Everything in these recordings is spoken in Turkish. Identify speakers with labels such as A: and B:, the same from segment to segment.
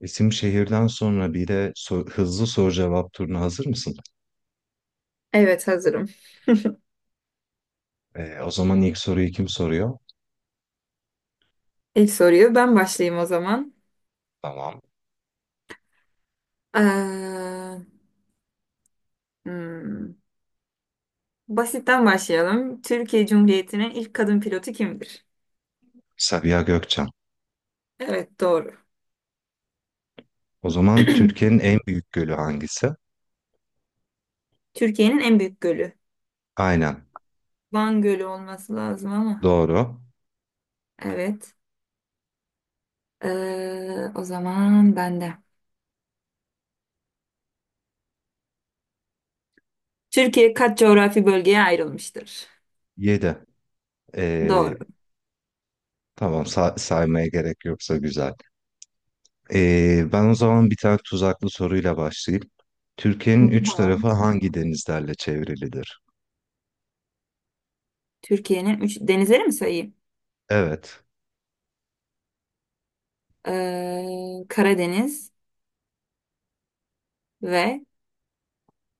A: İsim şehirden sonra bir de hızlı soru cevap turuna hazır mısın?
B: Evet hazırım.
A: O zaman ilk soruyu kim soruyor?
B: İlk soruyu ben başlayayım o zaman.
A: Tamam.
B: Ee, hmm, Basitten başlayalım. Türkiye Cumhuriyeti'nin ilk kadın pilotu kimdir?
A: Sabiha Gökçen.
B: Evet doğru.
A: O zaman Türkiye'nin en büyük gölü hangisi?
B: Türkiye'nin en büyük gölü.
A: Aynen.
B: Van Gölü olması lazım ama.
A: Doğru.
B: Evet. O zaman ben de. Türkiye kaç coğrafi bölgeye ayrılmıştır?
A: 7.
B: Doğru.
A: Tamam, saymaya gerek yoksa güzel. Ben o zaman bir tane tuzaklı soruyla başlayayım.
B: Hı.
A: Türkiye'nin üç tarafı hangi denizlerle çevrilidir?
B: Türkiye'nin üç denizleri mi sayayım?
A: Evet.
B: Karadeniz ve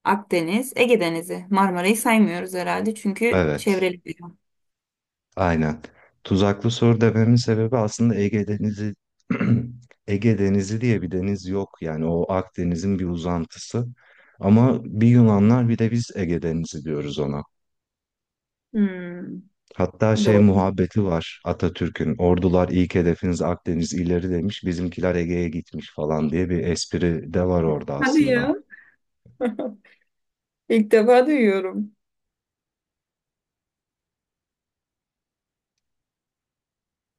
B: Akdeniz, Ege Denizi. Marmara'yı saymıyoruz herhalde çünkü
A: Evet.
B: çevreli bir yer.
A: Aynen. Tuzaklı soru dememin sebebi aslında Ege Denizi Ege Denizi diye bir deniz yok. Yani o Akdeniz'in bir uzantısı. Ama bir Yunanlar bir de biz Ege Denizi diyoruz ona.
B: Hmm,
A: Hatta şey
B: doğru.
A: muhabbeti var Atatürk'ün. Ordular ilk hedefiniz Akdeniz ileri demiş. Bizimkiler Ege'ye gitmiş falan diye bir espri de var orada
B: Hadi
A: aslında.
B: ya. İlk defa duyuyorum.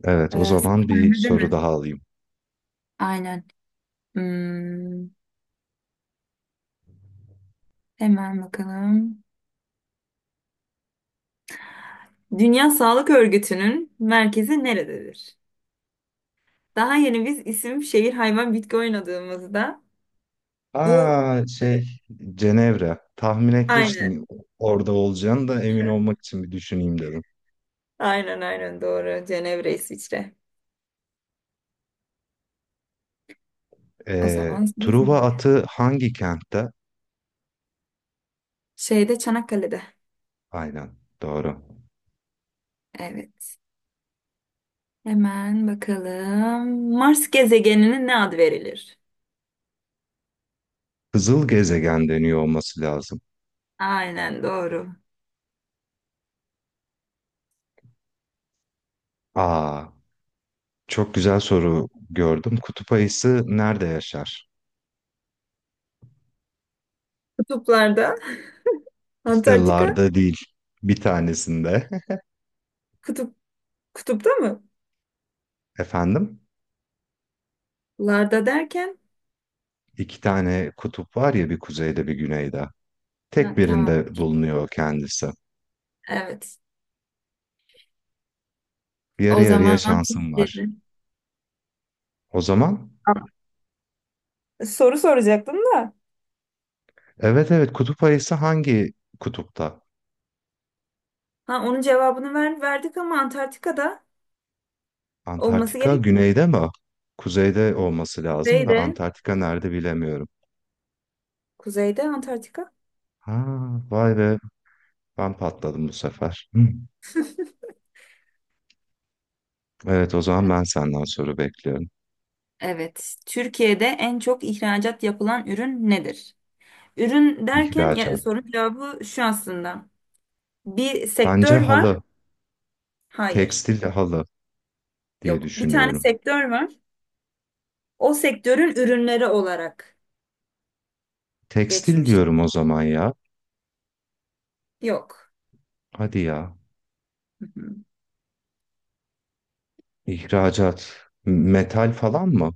A: Evet, o
B: Ee,
A: zaman bir
B: Sahnede
A: soru
B: mi?
A: daha alayım.
B: Aynen. Hmm, hemen bakalım. Dünya Sağlık Örgütü'nün merkezi nerededir? Daha yeni biz isim, şehir, hayvan, bitki oynadığımızda bu
A: Aa şey, Cenevre. Tahmin
B: aynen.
A: etmiştim orada olacağını da emin olmak için bir düşüneyim dedim.
B: Aynen, aynen, doğru. Cenevre, İsviçre. O
A: Ee,
B: zaman sıra
A: Truva
B: sende.
A: atı hangi kentte?
B: Şeyde Çanakkale'de.
A: Aynen doğru.
B: Evet. Hemen bakalım. Mars gezegenine ne ad verilir?
A: Kızıl gezegen deniyor olması lazım.
B: Aynen doğru.
A: Aa, çok güzel soru gördüm. Kutup ayısı nerede yaşar?
B: Kutuplarda.
A: İşte
B: Antarktika
A: larda değil, bir tanesinde.
B: kutup kutupta mı?
A: Efendim?
B: Larda derken.
A: İki tane kutup var ya, bir kuzeyde bir güneyde.
B: Ha,
A: Tek
B: tamam.
A: birinde
B: Okey.
A: bulunuyor kendisi.
B: Evet.
A: Yarı
B: O
A: yarıya
B: zaman
A: şansım
B: Türkiye'de.
A: var. O zaman
B: Soru soracaktım da.
A: evet evet, kutup ayısı hangi kutupta?
B: Ha, onun cevabını verdik ama Antarktika'da olması
A: Antarktika
B: gerekmiyor mu?
A: güneyde mi? Kuzeyde olması lazım da
B: Kuzeyde.
A: Antarktika nerede bilemiyorum.
B: Kuzeyde Antarktika.
A: Ha, vay be, ben patladım bu sefer. Hı. Evet, o zaman ben senden soru bekliyorum.
B: Evet. Türkiye'de en çok ihracat yapılan ürün nedir? Ürün derken ya,
A: İhracat.
B: sorun cevabı şu aslında. Bir
A: Bence
B: sektör var.
A: halı,
B: Hayır.
A: tekstil halı diye
B: Yok. Bir tane
A: düşünüyorum.
B: sektör var. O sektörün ürünleri olarak
A: Tekstil
B: geçmiş.
A: diyorum o zaman ya.
B: Yok.
A: Hadi ya.
B: Hı hı.
A: İhracat. Metal falan mı?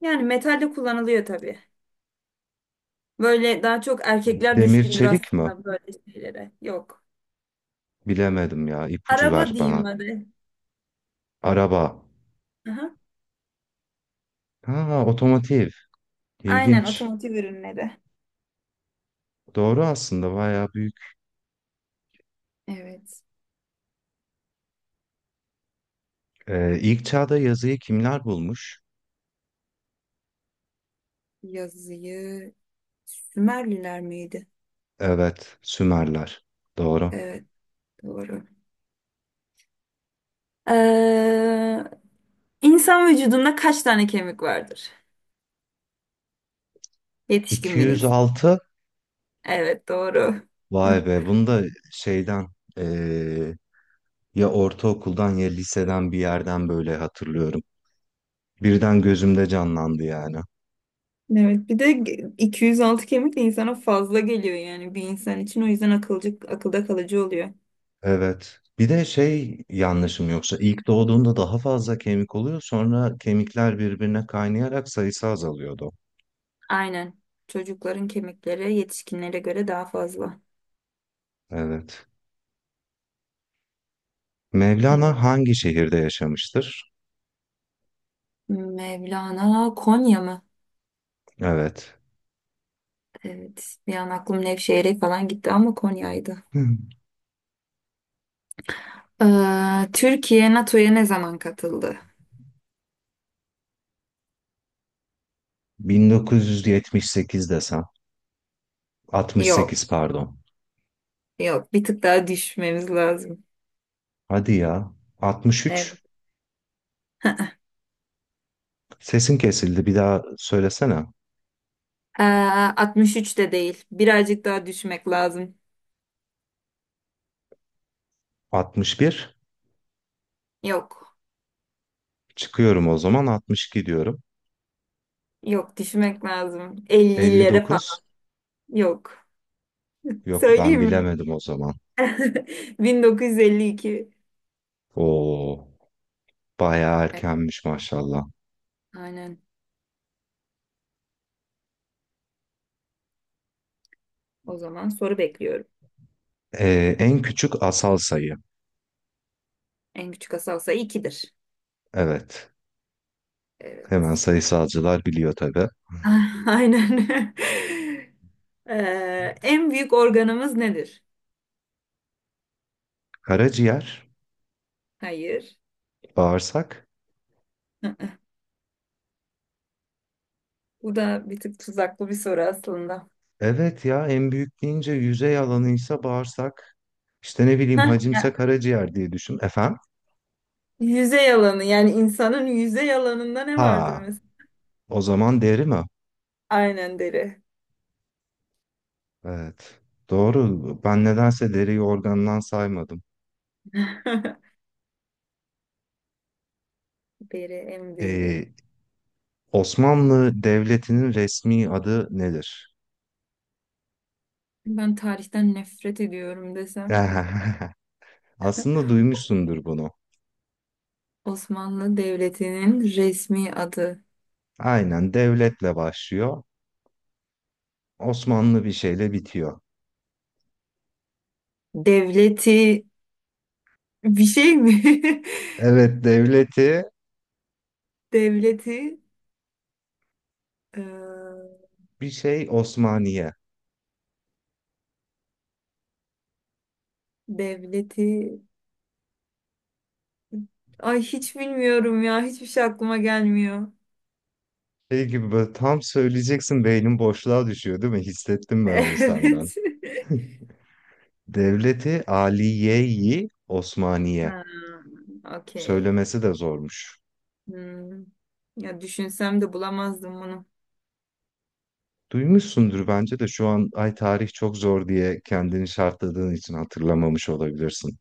B: Yani metalde kullanılıyor tabii. Böyle daha çok erkekler
A: Demir
B: düşkündür
A: çelik mi?
B: aslında böyle şeylere. Yok.
A: Bilemedim ya. İpucu ver
B: Araba
A: bana.
B: diyeyim hadi.
A: Araba.
B: Aha.
A: Ha, otomotiv.
B: Aynen
A: İlginç.
B: otomotiv ürünleri.
A: Doğru, aslında bayağı büyük.
B: Evet.
A: İlk çağda yazıyı kimler bulmuş?
B: Yazıyı Sümerliler miydi?
A: Evet, Sümerler. Doğru.
B: Evet doğru. Ee, insan vücudunda kaç tane kemik vardır? Yetişkin bir insan.
A: 206.
B: Evet doğru.
A: Vay be, bunu da şeyden ee, ya ortaokuldan ya liseden bir yerden böyle hatırlıyorum. Birden gözümde canlandı yani.
B: Evet, bir de 206 kemik de insana fazla geliyor yani bir insan için, o yüzden akılda kalıcı oluyor.
A: Evet. Bir de şey, yanlışım yoksa ilk doğduğunda daha fazla kemik oluyor, sonra kemikler birbirine kaynayarak sayısı azalıyordu.
B: Aynen. Çocukların kemikleri yetişkinlere göre daha fazla.
A: Evet.
B: Evet.
A: Mevlana hangi şehirde yaşamıştır?
B: Mevlana Konya mı?
A: Evet.
B: Evet. Bir an aklım Nevşehir'e falan gitti ama Konya'ydı.
A: Hı.
B: Türkiye NATO'ya ne zaman katıldı?
A: 1978 desem.
B: Yok.
A: 68 pardon.
B: Yok. Bir tık daha düşmemiz lazım.
A: Hadi ya.
B: Evet.
A: 63. Sesin kesildi. Bir daha söylesene.
B: Ee, 63 de değil. Birazcık daha düşmek lazım.
A: 61.
B: Yok.
A: Çıkıyorum o zaman. 62 diyorum.
B: Yok, düşünmek lazım. 50'lere falan
A: 59.
B: yok.
A: Yok ben
B: Söyleyeyim mi?
A: bilemedim o zaman.
B: 1952.
A: Oo, bayağı
B: Evet,
A: erkenmiş maşallah.
B: aynen. O zaman soru bekliyorum.
A: En küçük asal sayı.
B: En küçük asal sayı 2'dir.
A: Evet. Hemen
B: Evet.
A: sayısalcılar biliyor tabii.
B: Aynen. En büyük organımız nedir?
A: Karaciğer,
B: Hayır.
A: bağırsak.
B: Hı hı. Bu da bir tık tuzaklı bir soru aslında.
A: Evet ya, en büyük deyince yüzey alanıysa bağırsak. İşte ne bileyim,
B: Hah,
A: hacimse
B: ya,
A: karaciğer diye düşün. Efendim?
B: yüzey alanı yani insanın yüzey alanında ne vardır
A: Ha,
B: mesela?
A: o zaman deri mi?
B: Aynen deri.
A: Evet. Doğru. Ben nedense deriyi organdan saymadım.
B: Deri en büyüğü.
A: Ee, Osmanlı Devleti'nin resmi adı nedir?
B: Ben tarihten nefret ediyorum desem
A: Aslında duymuşsundur bunu.
B: Osmanlı Devleti'nin resmi adı.
A: Aynen devletle başlıyor. Osmanlı bir şeyle bitiyor.
B: Devleti bir şey mi?
A: Evet devleti,
B: Devleti eee,
A: bir şey Osmaniye.
B: devleti ay hiç bilmiyorum ya, hiçbir şey aklıma gelmiyor.
A: Şey gibi böyle tam söyleyeceksin beynin boşluğa düşüyor değil mi? Hissettim ben onu senden.
B: Evet.
A: Devleti Aliye-i Osmaniye.
B: Ha, okey.
A: Söylemesi de zormuş.
B: Hmm. Ya düşünsem de bulamazdım bunu.
A: Duymuşsundur bence de, şu an ay tarih çok zor diye kendini şartladığın için hatırlamamış olabilirsin.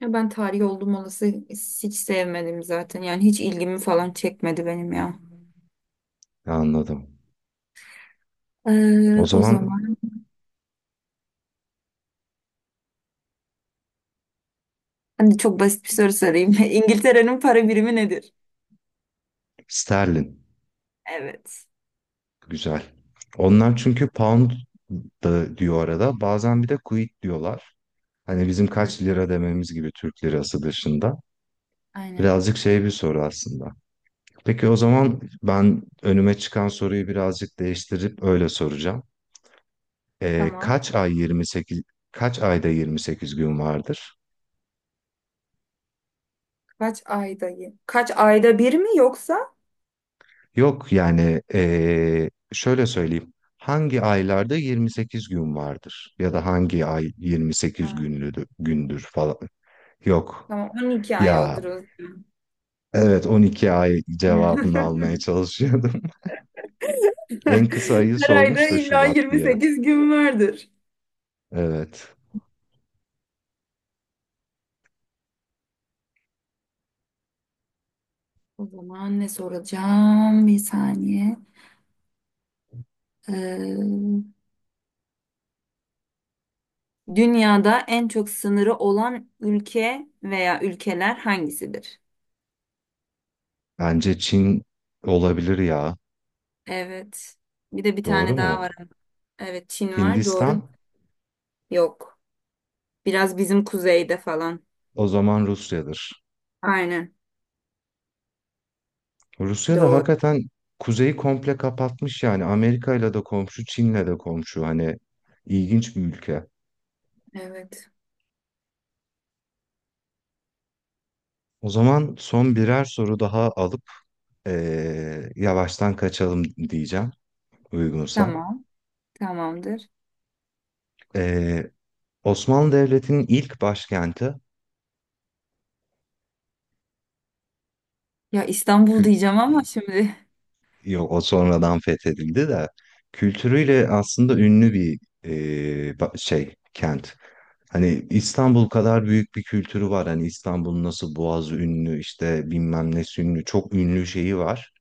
B: Ya ben tarih olduğum olası hiç sevmedim zaten. Yani hiç ilgimi falan çekmedi benim ya.
A: Anladım. O
B: O
A: zaman
B: zaman hani çok basit bir soru sorayım. İngiltere'nin para birimi nedir?
A: sterlin.
B: Evet.
A: Güzel. Onlar çünkü pound da diyor arada. Bazen bir de quid diyorlar. Hani bizim
B: Hı,
A: kaç lira dememiz gibi Türk lirası dışında.
B: aynen.
A: Birazcık şey bir soru aslında. Peki o zaman ben önüme çıkan soruyu birazcık değiştirip öyle soracağım. Ee,
B: Tamam.
A: kaç ay 28 kaç ayda 28 gün vardır?
B: Kaç ayda? Kaç ayda bir mi yoksa?
A: Yok yani şöyle söyleyeyim. Hangi aylarda 28 gün vardır? Ya da hangi ay 28
B: Ha,
A: günlüdür, gündür falan. Yok.
B: tamam. 12 ay
A: Ya
B: olur o zaman.
A: evet, 12 ay cevabını almaya çalışıyordum. En kısa ayı
B: Her ayda
A: sormuş da
B: illa
A: Şubat diye.
B: 28 gün vardır.
A: Evet.
B: O zaman ne soracağım? Bir saniye. Ee, Dünyada en çok sınırı olan ülke veya ülkeler hangisidir?
A: Bence Çin olabilir ya.
B: Evet. Bir de bir
A: Doğru
B: tane daha
A: mu?
B: var. Evet, Çin var. Doğru.
A: Hindistan,
B: Yok. Biraz bizim kuzeyde falan.
A: o zaman Rusya'dır.
B: Aynen.
A: Rusya da
B: Doğru.
A: hakikaten kuzeyi komple kapatmış, yani Amerika'yla da komşu, Çin'le de komşu, hani ilginç bir ülke.
B: Evet.
A: O zaman son birer soru daha alıp yavaştan kaçalım diyeceğim uygunsa.
B: Tamam. Tamamdır.
A: Eee, Osmanlı Devleti'nin ilk başkenti,
B: Ya İstanbul
A: kü-
B: diyeceğim ama şimdi.
A: yok o sonradan fethedildi de, kültürüyle aslında ünlü bir şey kent. Hani İstanbul kadar büyük bir kültürü var. Hani İstanbul'un nasıl Boğazı ünlü, işte bilmem ne ünlü, çok ünlü şeyi var.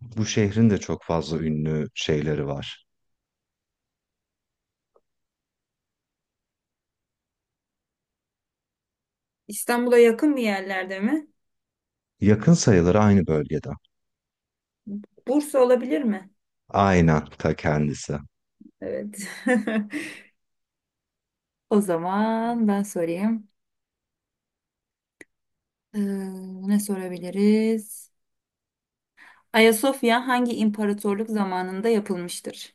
A: Bu şehrin de çok fazla ünlü şeyleri var.
B: İstanbul'a yakın bir yerlerde mi?
A: Yakın sayılır, aynı bölgede.
B: Bursa olabilir mi?
A: Aynen ta kendisi.
B: Evet. O zaman ben sorayım. Ee, Ne sorabiliriz? Ayasofya hangi imparatorluk zamanında yapılmıştır?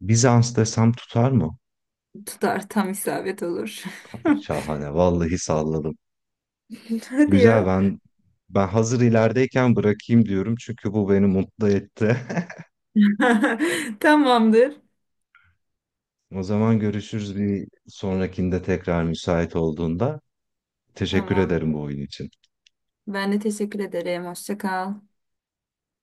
A: Bizans desem tutar mı?
B: Tutar, tam isabet olur.
A: Abi şahane. Vallahi salladım.
B: Hadi
A: Güzel,
B: ya.
A: ben hazır ilerideyken bırakayım diyorum çünkü bu beni mutlu etti.
B: Tamamdır.
A: O zaman görüşürüz bir sonrakinde tekrar müsait olduğunda. Teşekkür
B: Tamam.
A: ederim bu oyun için.
B: Ben de teşekkür ederim. Hoşça kal.